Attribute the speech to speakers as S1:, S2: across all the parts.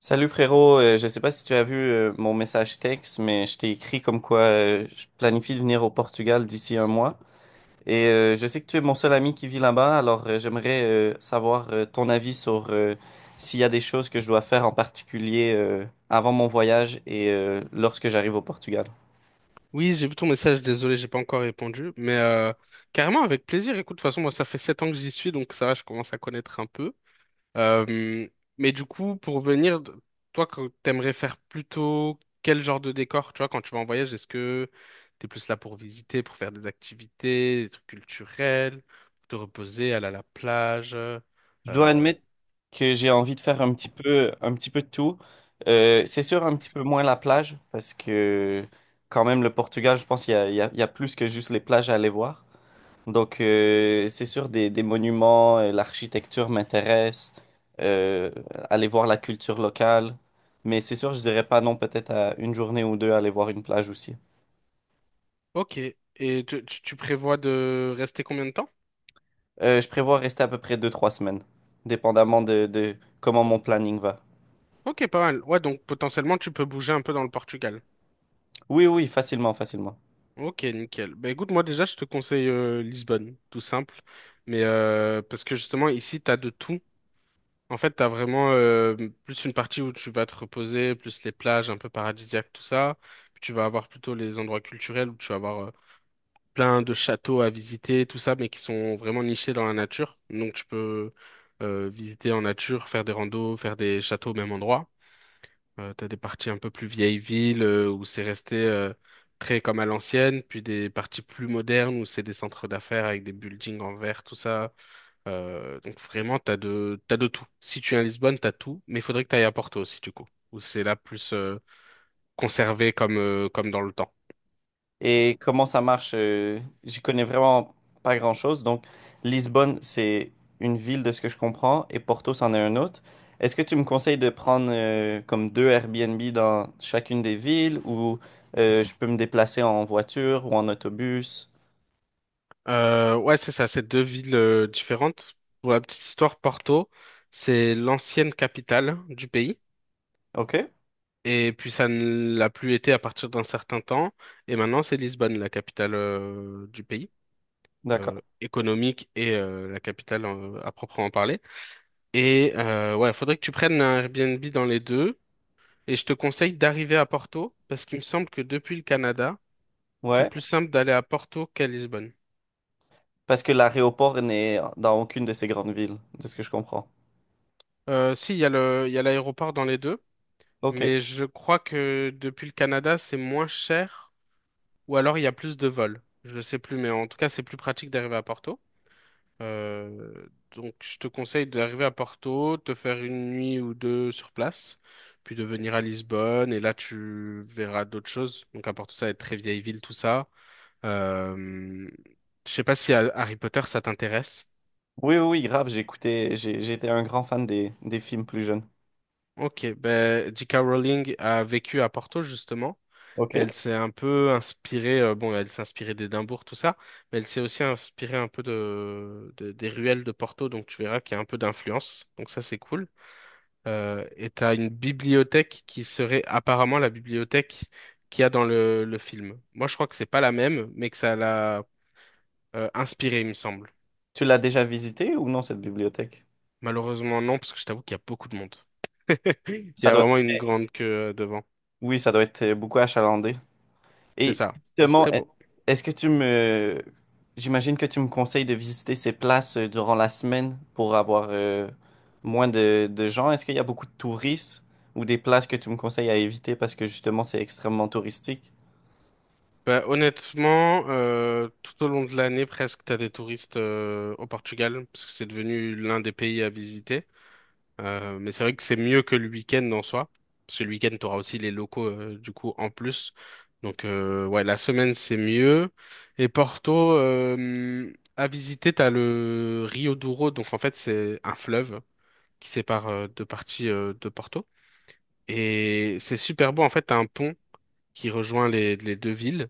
S1: Salut frérot. Je sais pas si tu as vu mon message texte, mais je t'ai écrit comme quoi je planifie de venir au Portugal d'ici un mois. Et je sais que tu es mon seul ami qui vit là-bas, alors j'aimerais savoir ton avis sur s'il y a des choses que je dois faire en particulier avant mon voyage et lorsque j'arrive au Portugal.
S2: Oui, j'ai vu ton message, désolé, j'ai pas encore répondu, mais carrément avec plaisir. Écoute, de toute façon, moi, ça fait 7 ans que j'y suis, donc ça va, je commence à connaître un peu. Euh, mais du coup, pour venir, toi, que t'aimerais faire plutôt quel genre de décor, tu vois, quand tu vas en voyage, est-ce que t'es plus là pour visiter, pour faire des activités, des trucs culturels, pour te reposer, aller à la plage? euh,
S1: Je dois admettre que j'ai envie de faire un petit peu de tout. C'est sûr un petit peu moins la plage, parce que quand même le Portugal, je pense qu'il y a il y a- il y a plus que juste les plages à aller voir. Donc, c'est sûr, des monuments, l'architecture m'intéresse, euh, aller voir la culture locale. Mais c'est sûr, je dirais pas non, peut-être à une journée ou deux, aller voir une plage aussi.
S2: ok. Et tu prévois de rester combien de temps?
S1: Je prévois rester à peu près deux, trois semaines, dépendamment de comment mon planning va.
S2: Ok, pas mal. Ouais, donc potentiellement, tu peux bouger un peu dans le Portugal.
S1: Oui, oui, facilement, facilement.
S2: Ok, nickel. Bah écoute, moi déjà, je te conseille Lisbonne, tout simple. Mais parce que justement, ici, t'as de tout. En fait, t'as vraiment plus une partie où tu vas te reposer, plus les plages un peu paradisiaques, tout ça. Puis tu vas avoir plutôt les endroits culturels où tu vas avoir plein de châteaux à visiter, tout ça, mais qui sont vraiment nichés dans la nature. Donc tu peux visiter en nature, faire des randos, faire des châteaux au même endroit. T'as des parties un peu plus vieilles villes où c'est resté très comme à l'ancienne, puis des parties plus modernes où c'est des centres d'affaires avec des buildings en verre, tout ça. Donc vraiment, t'as de tout. Si tu es à Lisbonne, t'as tout, mais il faudrait que t'ailles à Porto aussi, du coup, où c'est là plus conservé comme dans le temps.
S1: Et comment ça marche, j'y connais vraiment pas grand-chose. Donc, Lisbonne, c'est une ville de ce que je comprends, et Porto, c'en est un autre. Est-ce que tu me conseilles de prendre comme deux Airbnb dans chacune des villes, ou je peux me déplacer en voiture ou en autobus?
S2: Ouais, c'est ça, c'est deux villes différentes. Pour la petite histoire, Porto, c'est l'ancienne capitale du pays.
S1: OK,
S2: Et puis ça ne l'a plus été à partir d'un certain temps. Et maintenant, c'est Lisbonne, la capitale du pays,
S1: d'accord.
S2: économique et la capitale à proprement parler. Et ouais, faudrait que tu prennes un Airbnb dans les deux. Et je te conseille d'arriver à Porto, parce qu'il me semble que depuis le Canada, c'est
S1: Ouais,
S2: plus simple d'aller à Porto qu'à Lisbonne.
S1: parce que l'aéroport n'est dans aucune de ces grandes villes, de ce que je comprends.
S2: Si, il y a l'aéroport dans les deux.
S1: OK.
S2: Mais je crois que depuis le Canada, c'est moins cher, ou alors il y a plus de vols. Je ne sais plus, mais en tout cas, c'est plus pratique d'arriver à Porto. Euh, donc, je te conseille d'arriver à Porto, te faire une nuit ou deux sur place, puis de venir à Lisbonne, et là, tu verras d'autres choses. Donc, à Porto, ça va être très vieille ville, tout ça. Euh, je sais pas si Harry Potter, ça t'intéresse.
S1: Oui, oui, oui, grave, j'ai écouté, j'étais un grand fan des films plus jeunes.
S2: Ok, ben, J.K. Rowling a vécu à Porto, justement.
S1: OK.
S2: Elle s'est un peu inspirée, bon, elle s'est inspirée d'Édimbourg, tout ça, mais elle s'est aussi inspirée un peu des ruelles de Porto, donc tu verras qu'il y a un peu d'influence, donc ça c'est cool. Et t'as une bibliothèque qui serait apparemment la bibliothèque qu'il y a dans le film. Moi je crois que c'est pas la même, mais que ça l'a inspirée, il me semble.
S1: Tu l'as déjà visité ou non, cette bibliothèque?
S2: Malheureusement non, parce que je t'avoue qu'il y a beaucoup de monde. Il y
S1: Ça
S2: a
S1: doit,
S2: vraiment une grande queue devant.
S1: oui, ça doit être beaucoup achalandé.
S2: C'est
S1: Et
S2: ça, c'est
S1: justement,
S2: très beau.
S1: est-ce que tu me, j'imagine que tu me conseilles de visiter ces places durant la semaine pour avoir moins de gens. Est-ce qu'il y a beaucoup de touristes ou des places que tu me conseilles à éviter parce que justement c'est extrêmement touristique?
S2: Bah, honnêtement, tout au long de l'année, presque, t'as des touristes au Portugal, parce que c'est devenu l'un des pays à visiter. Mais c'est vrai que c'est mieux que le week-end en soi, parce que le week-end, t'auras aussi les locaux, du coup, en plus. Donc, ouais, la semaine, c'est mieux. Et Porto, à visiter, t'as le Rio Douro, donc en fait, c'est un fleuve qui sépare deux parties de Porto. Et c'est super beau, en fait, t'as un pont qui rejoint les deux villes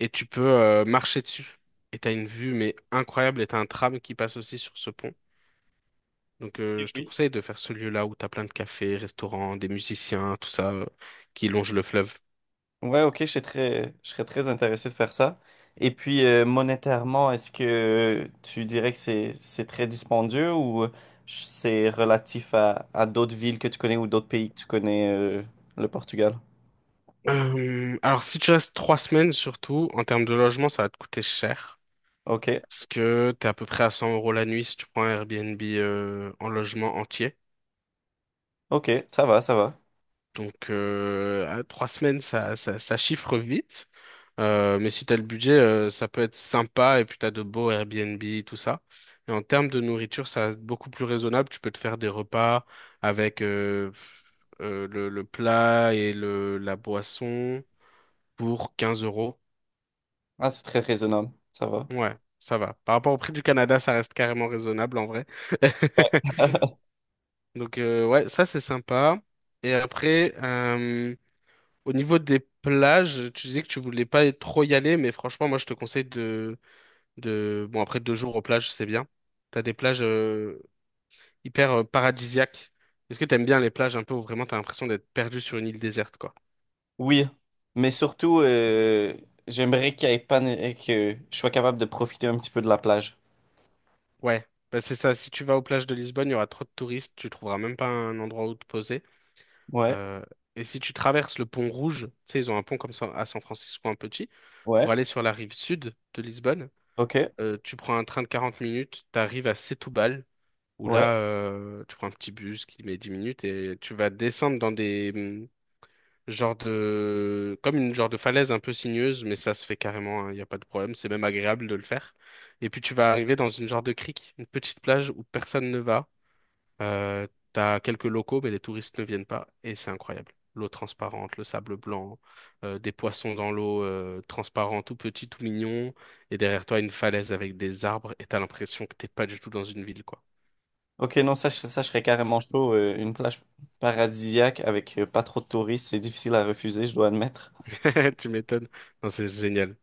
S2: et tu peux marcher dessus. Et t'as une vue mais incroyable et t'as un tram qui passe aussi sur ce pont. Donc je te
S1: Oui.
S2: conseille de faire ce lieu-là où t'as plein de cafés, restaurants, des musiciens, tout ça qui longe le fleuve.
S1: Ouais, ok, je serais très intéressé de faire ça. Et puis, monétairement, est-ce que tu dirais que c'est très dispendieux ou c'est relatif à d'autres villes que tu connais ou d'autres pays que tu connais, le Portugal?
S2: Alors si tu restes 3 semaines surtout, en termes de logement, ça va te coûter cher.
S1: Ok,
S2: Parce que t'es à peu près à 100 € la nuit si tu prends un Airbnb en logement entier.
S1: ok, ça va, ça va.
S2: Donc, à 3 semaines, ça chiffre vite. Mais si t'as le budget, ça peut être sympa. Et puis, t'as de beaux Airbnb, tout ça. Et en termes de nourriture, ça reste beaucoup plus raisonnable. Tu peux te faire des repas avec le plat et la boisson pour 15 euros.
S1: Ah, c'est très raisonnable, ça va.
S2: Ouais, ça va. Par rapport au prix du Canada, ça reste carrément raisonnable en vrai.
S1: Ouais.
S2: Donc, ouais, ça, c'est sympa. Et après, au niveau des plages, tu disais que tu voulais pas trop y aller, mais franchement, moi, je te conseille. Bon, après 2 jours aux plages, c'est bien. T'as des plages hyper paradisiaques. Est-ce que t'aimes bien les plages un peu où vraiment t'as l'impression d'être perdu sur une île déserte, quoi?
S1: Oui, mais surtout, j'aimerais qu'il y ait pas, que je sois capable de profiter un petit peu de la plage.
S2: Ouais, bah, c'est ça. Si tu vas aux plages de Lisbonne, il y aura trop de touristes, tu trouveras même pas un endroit où te poser.
S1: Ouais,
S2: Euh, et si tu traverses le pont Rouge, tu sais, ils ont un pont comme ça à San Francisco, un petit, pour
S1: ouais,
S2: aller sur la rive sud de Lisbonne,
S1: ok,
S2: tu prends un train de 40 minutes, t'arrives à Setúbal. Où
S1: ouais.
S2: là, tu prends un petit bus qui met 10 minutes et tu vas descendre dans des genres de comme une genre de falaise un peu sinueuse, mais ça se fait carrément, il n'y a pas de problème, c'est même agréable de le faire. Et puis tu vas arriver dans une genre de crique, une petite plage où personne ne va. T'as quelques locaux, mais les touristes ne viennent pas et c'est incroyable. L'eau transparente, le sable blanc, des poissons dans l'eau transparents, tout petits, tout mignons, et derrière toi une falaise avec des arbres, et t'as l'impression que t'es pas du tout dans une ville, quoi.
S1: Ok, non, ça, je serais carrément chaud. Une plage paradisiaque avec pas trop de touristes, c'est difficile à refuser, je dois admettre.
S2: Tu m'étonnes. Non, c'est génial.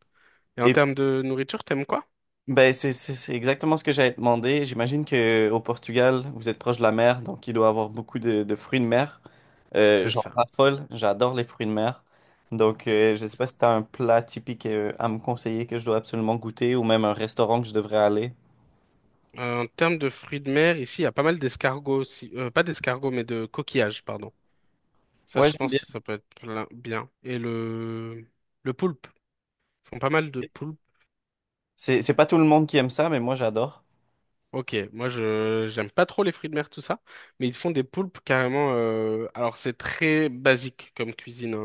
S2: Et en
S1: Et
S2: termes de nourriture, t'aimes quoi?
S1: ben, c'est exactement ce que j'avais demandé. J'imagine que au Portugal, vous êtes proche de la mer, donc il doit y avoir beaucoup de fruits de mer.
S2: C'est
S1: J'en
S2: ça.
S1: raffole, j'adore les fruits de mer. Donc, je sais pas si tu as un plat typique à me conseiller que je dois absolument goûter ou même un restaurant que je devrais aller.
S2: En termes de fruits de mer, ici, il y a pas mal d'escargots aussi. Pas d'escargots, mais de coquillages, pardon. Ça,
S1: Ouais,
S2: je
S1: j'aime bien.
S2: pense, ça peut être bien. Et le poulpe. Ils font pas mal de poulpes.
S1: C'est pas tout le monde qui aime ça, mais moi, j'adore.
S2: Ok, moi, je j'aime pas trop les fruits de mer, tout ça. Mais ils font des poulpes carrément. Alors, c'est très basique comme cuisine, hein,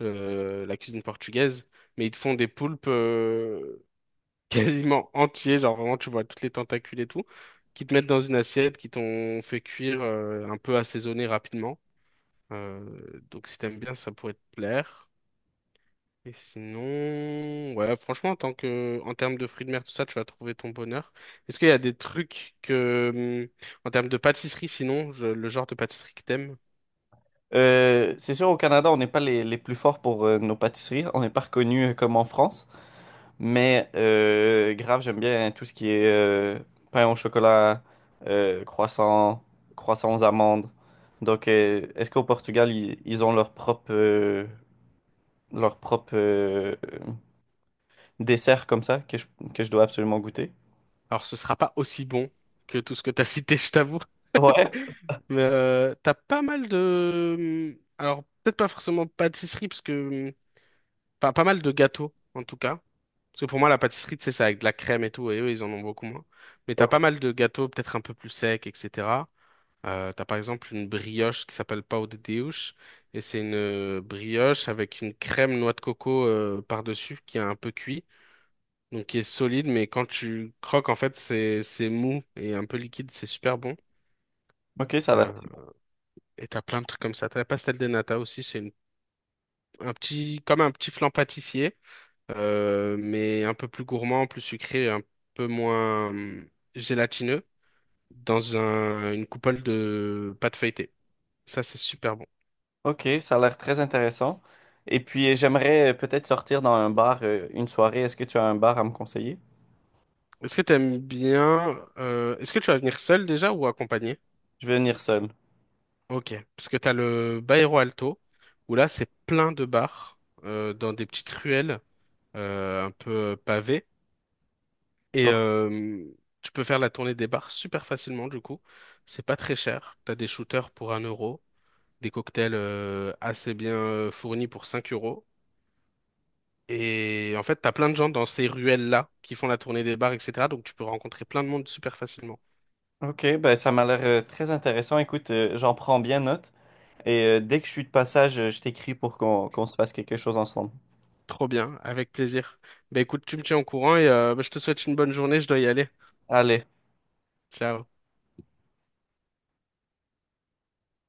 S2: la cuisine portugaise. Mais ils te font des poulpes, quasiment entier, genre vraiment tu vois toutes les tentacules et tout, qui te mettent dans une assiette, qui t'ont fait cuire un peu assaisonné rapidement. Euh, donc si t'aimes bien, ça pourrait te plaire. Et sinon, ouais, franchement, en tant que, en termes de fruits de mer, tout ça, tu vas trouver ton bonheur. Est-ce qu'il y a des trucs que, en termes de pâtisserie, sinon, le genre de pâtisserie que t'aimes,
S1: C'est sûr, au Canada, on n'est pas les plus forts pour nos pâtisseries. On n'est pas reconnu comme en France. Mais grave, j'aime bien tout ce qui est pain au chocolat, croissant, croissant aux amandes. Donc, est-ce qu'au Portugal, ils ont leur propre dessert comme ça que je dois absolument goûter?
S2: alors ce sera pas aussi bon que tout ce que t'as cité, je t'avoue.
S1: Ouais.
S2: Mais t'as pas mal de... Alors, peut-être pas forcément pâtisserie, parce que pas mal de gâteaux, en tout cas. Parce que pour moi, la pâtisserie, tu sais, c'est avec de la crème et tout, et eux, ils en ont beaucoup moins. Mais t'as
S1: Ok,
S2: pas mal de gâteaux, peut-être un peu plus secs, etc. T'as par exemple une brioche qui s'appelle pão de Deus, et c'est une brioche avec une crème noix de coco par-dessus, qui est un peu cuit, donc qui est solide, mais quand tu croques, en fait, c'est mou et un peu liquide, c'est super bon.
S1: ok,
S2: Euh, et t'as plein de trucs comme ça. T'as la pastel de nata aussi, c'est un petit, comme un petit flan pâtissier mais un peu plus gourmand, plus sucré, un peu moins gélatineux, dans une coupole de pâte feuilletée. Ça, c'est super bon.
S1: ok, ça a l'air très intéressant. Et puis, j'aimerais peut-être sortir dans un bar, une soirée. Est-ce que tu as un bar à me conseiller?
S2: Est-ce que tu aimes bien, est-ce que tu vas venir seul déjà ou accompagné?
S1: Je vais venir seul.
S2: Ok, parce que tu as le Bairro Alto, où là, c'est plein de bars, dans des petites ruelles, un peu pavées. Et
S1: Oh.
S2: tu peux faire la tournée des bars super facilement, du coup. C'est pas très cher. Tu as des shooters pour un euro. Des cocktails assez bien fournis pour 5 euros. Et en fait, t'as plein de gens dans ces ruelles-là qui font la tournée des bars, etc. Donc tu peux rencontrer plein de monde super facilement.
S1: Ok, ben ça m'a l'air très intéressant. Écoute, j'en prends bien note. Et dès que je suis de passage, je t'écris pour qu'on se fasse quelque chose ensemble.
S2: Trop bien, avec plaisir. Bah écoute, tu me tiens au courant et bah, je te souhaite une bonne journée, je dois y aller.
S1: Allez.
S2: Ciao.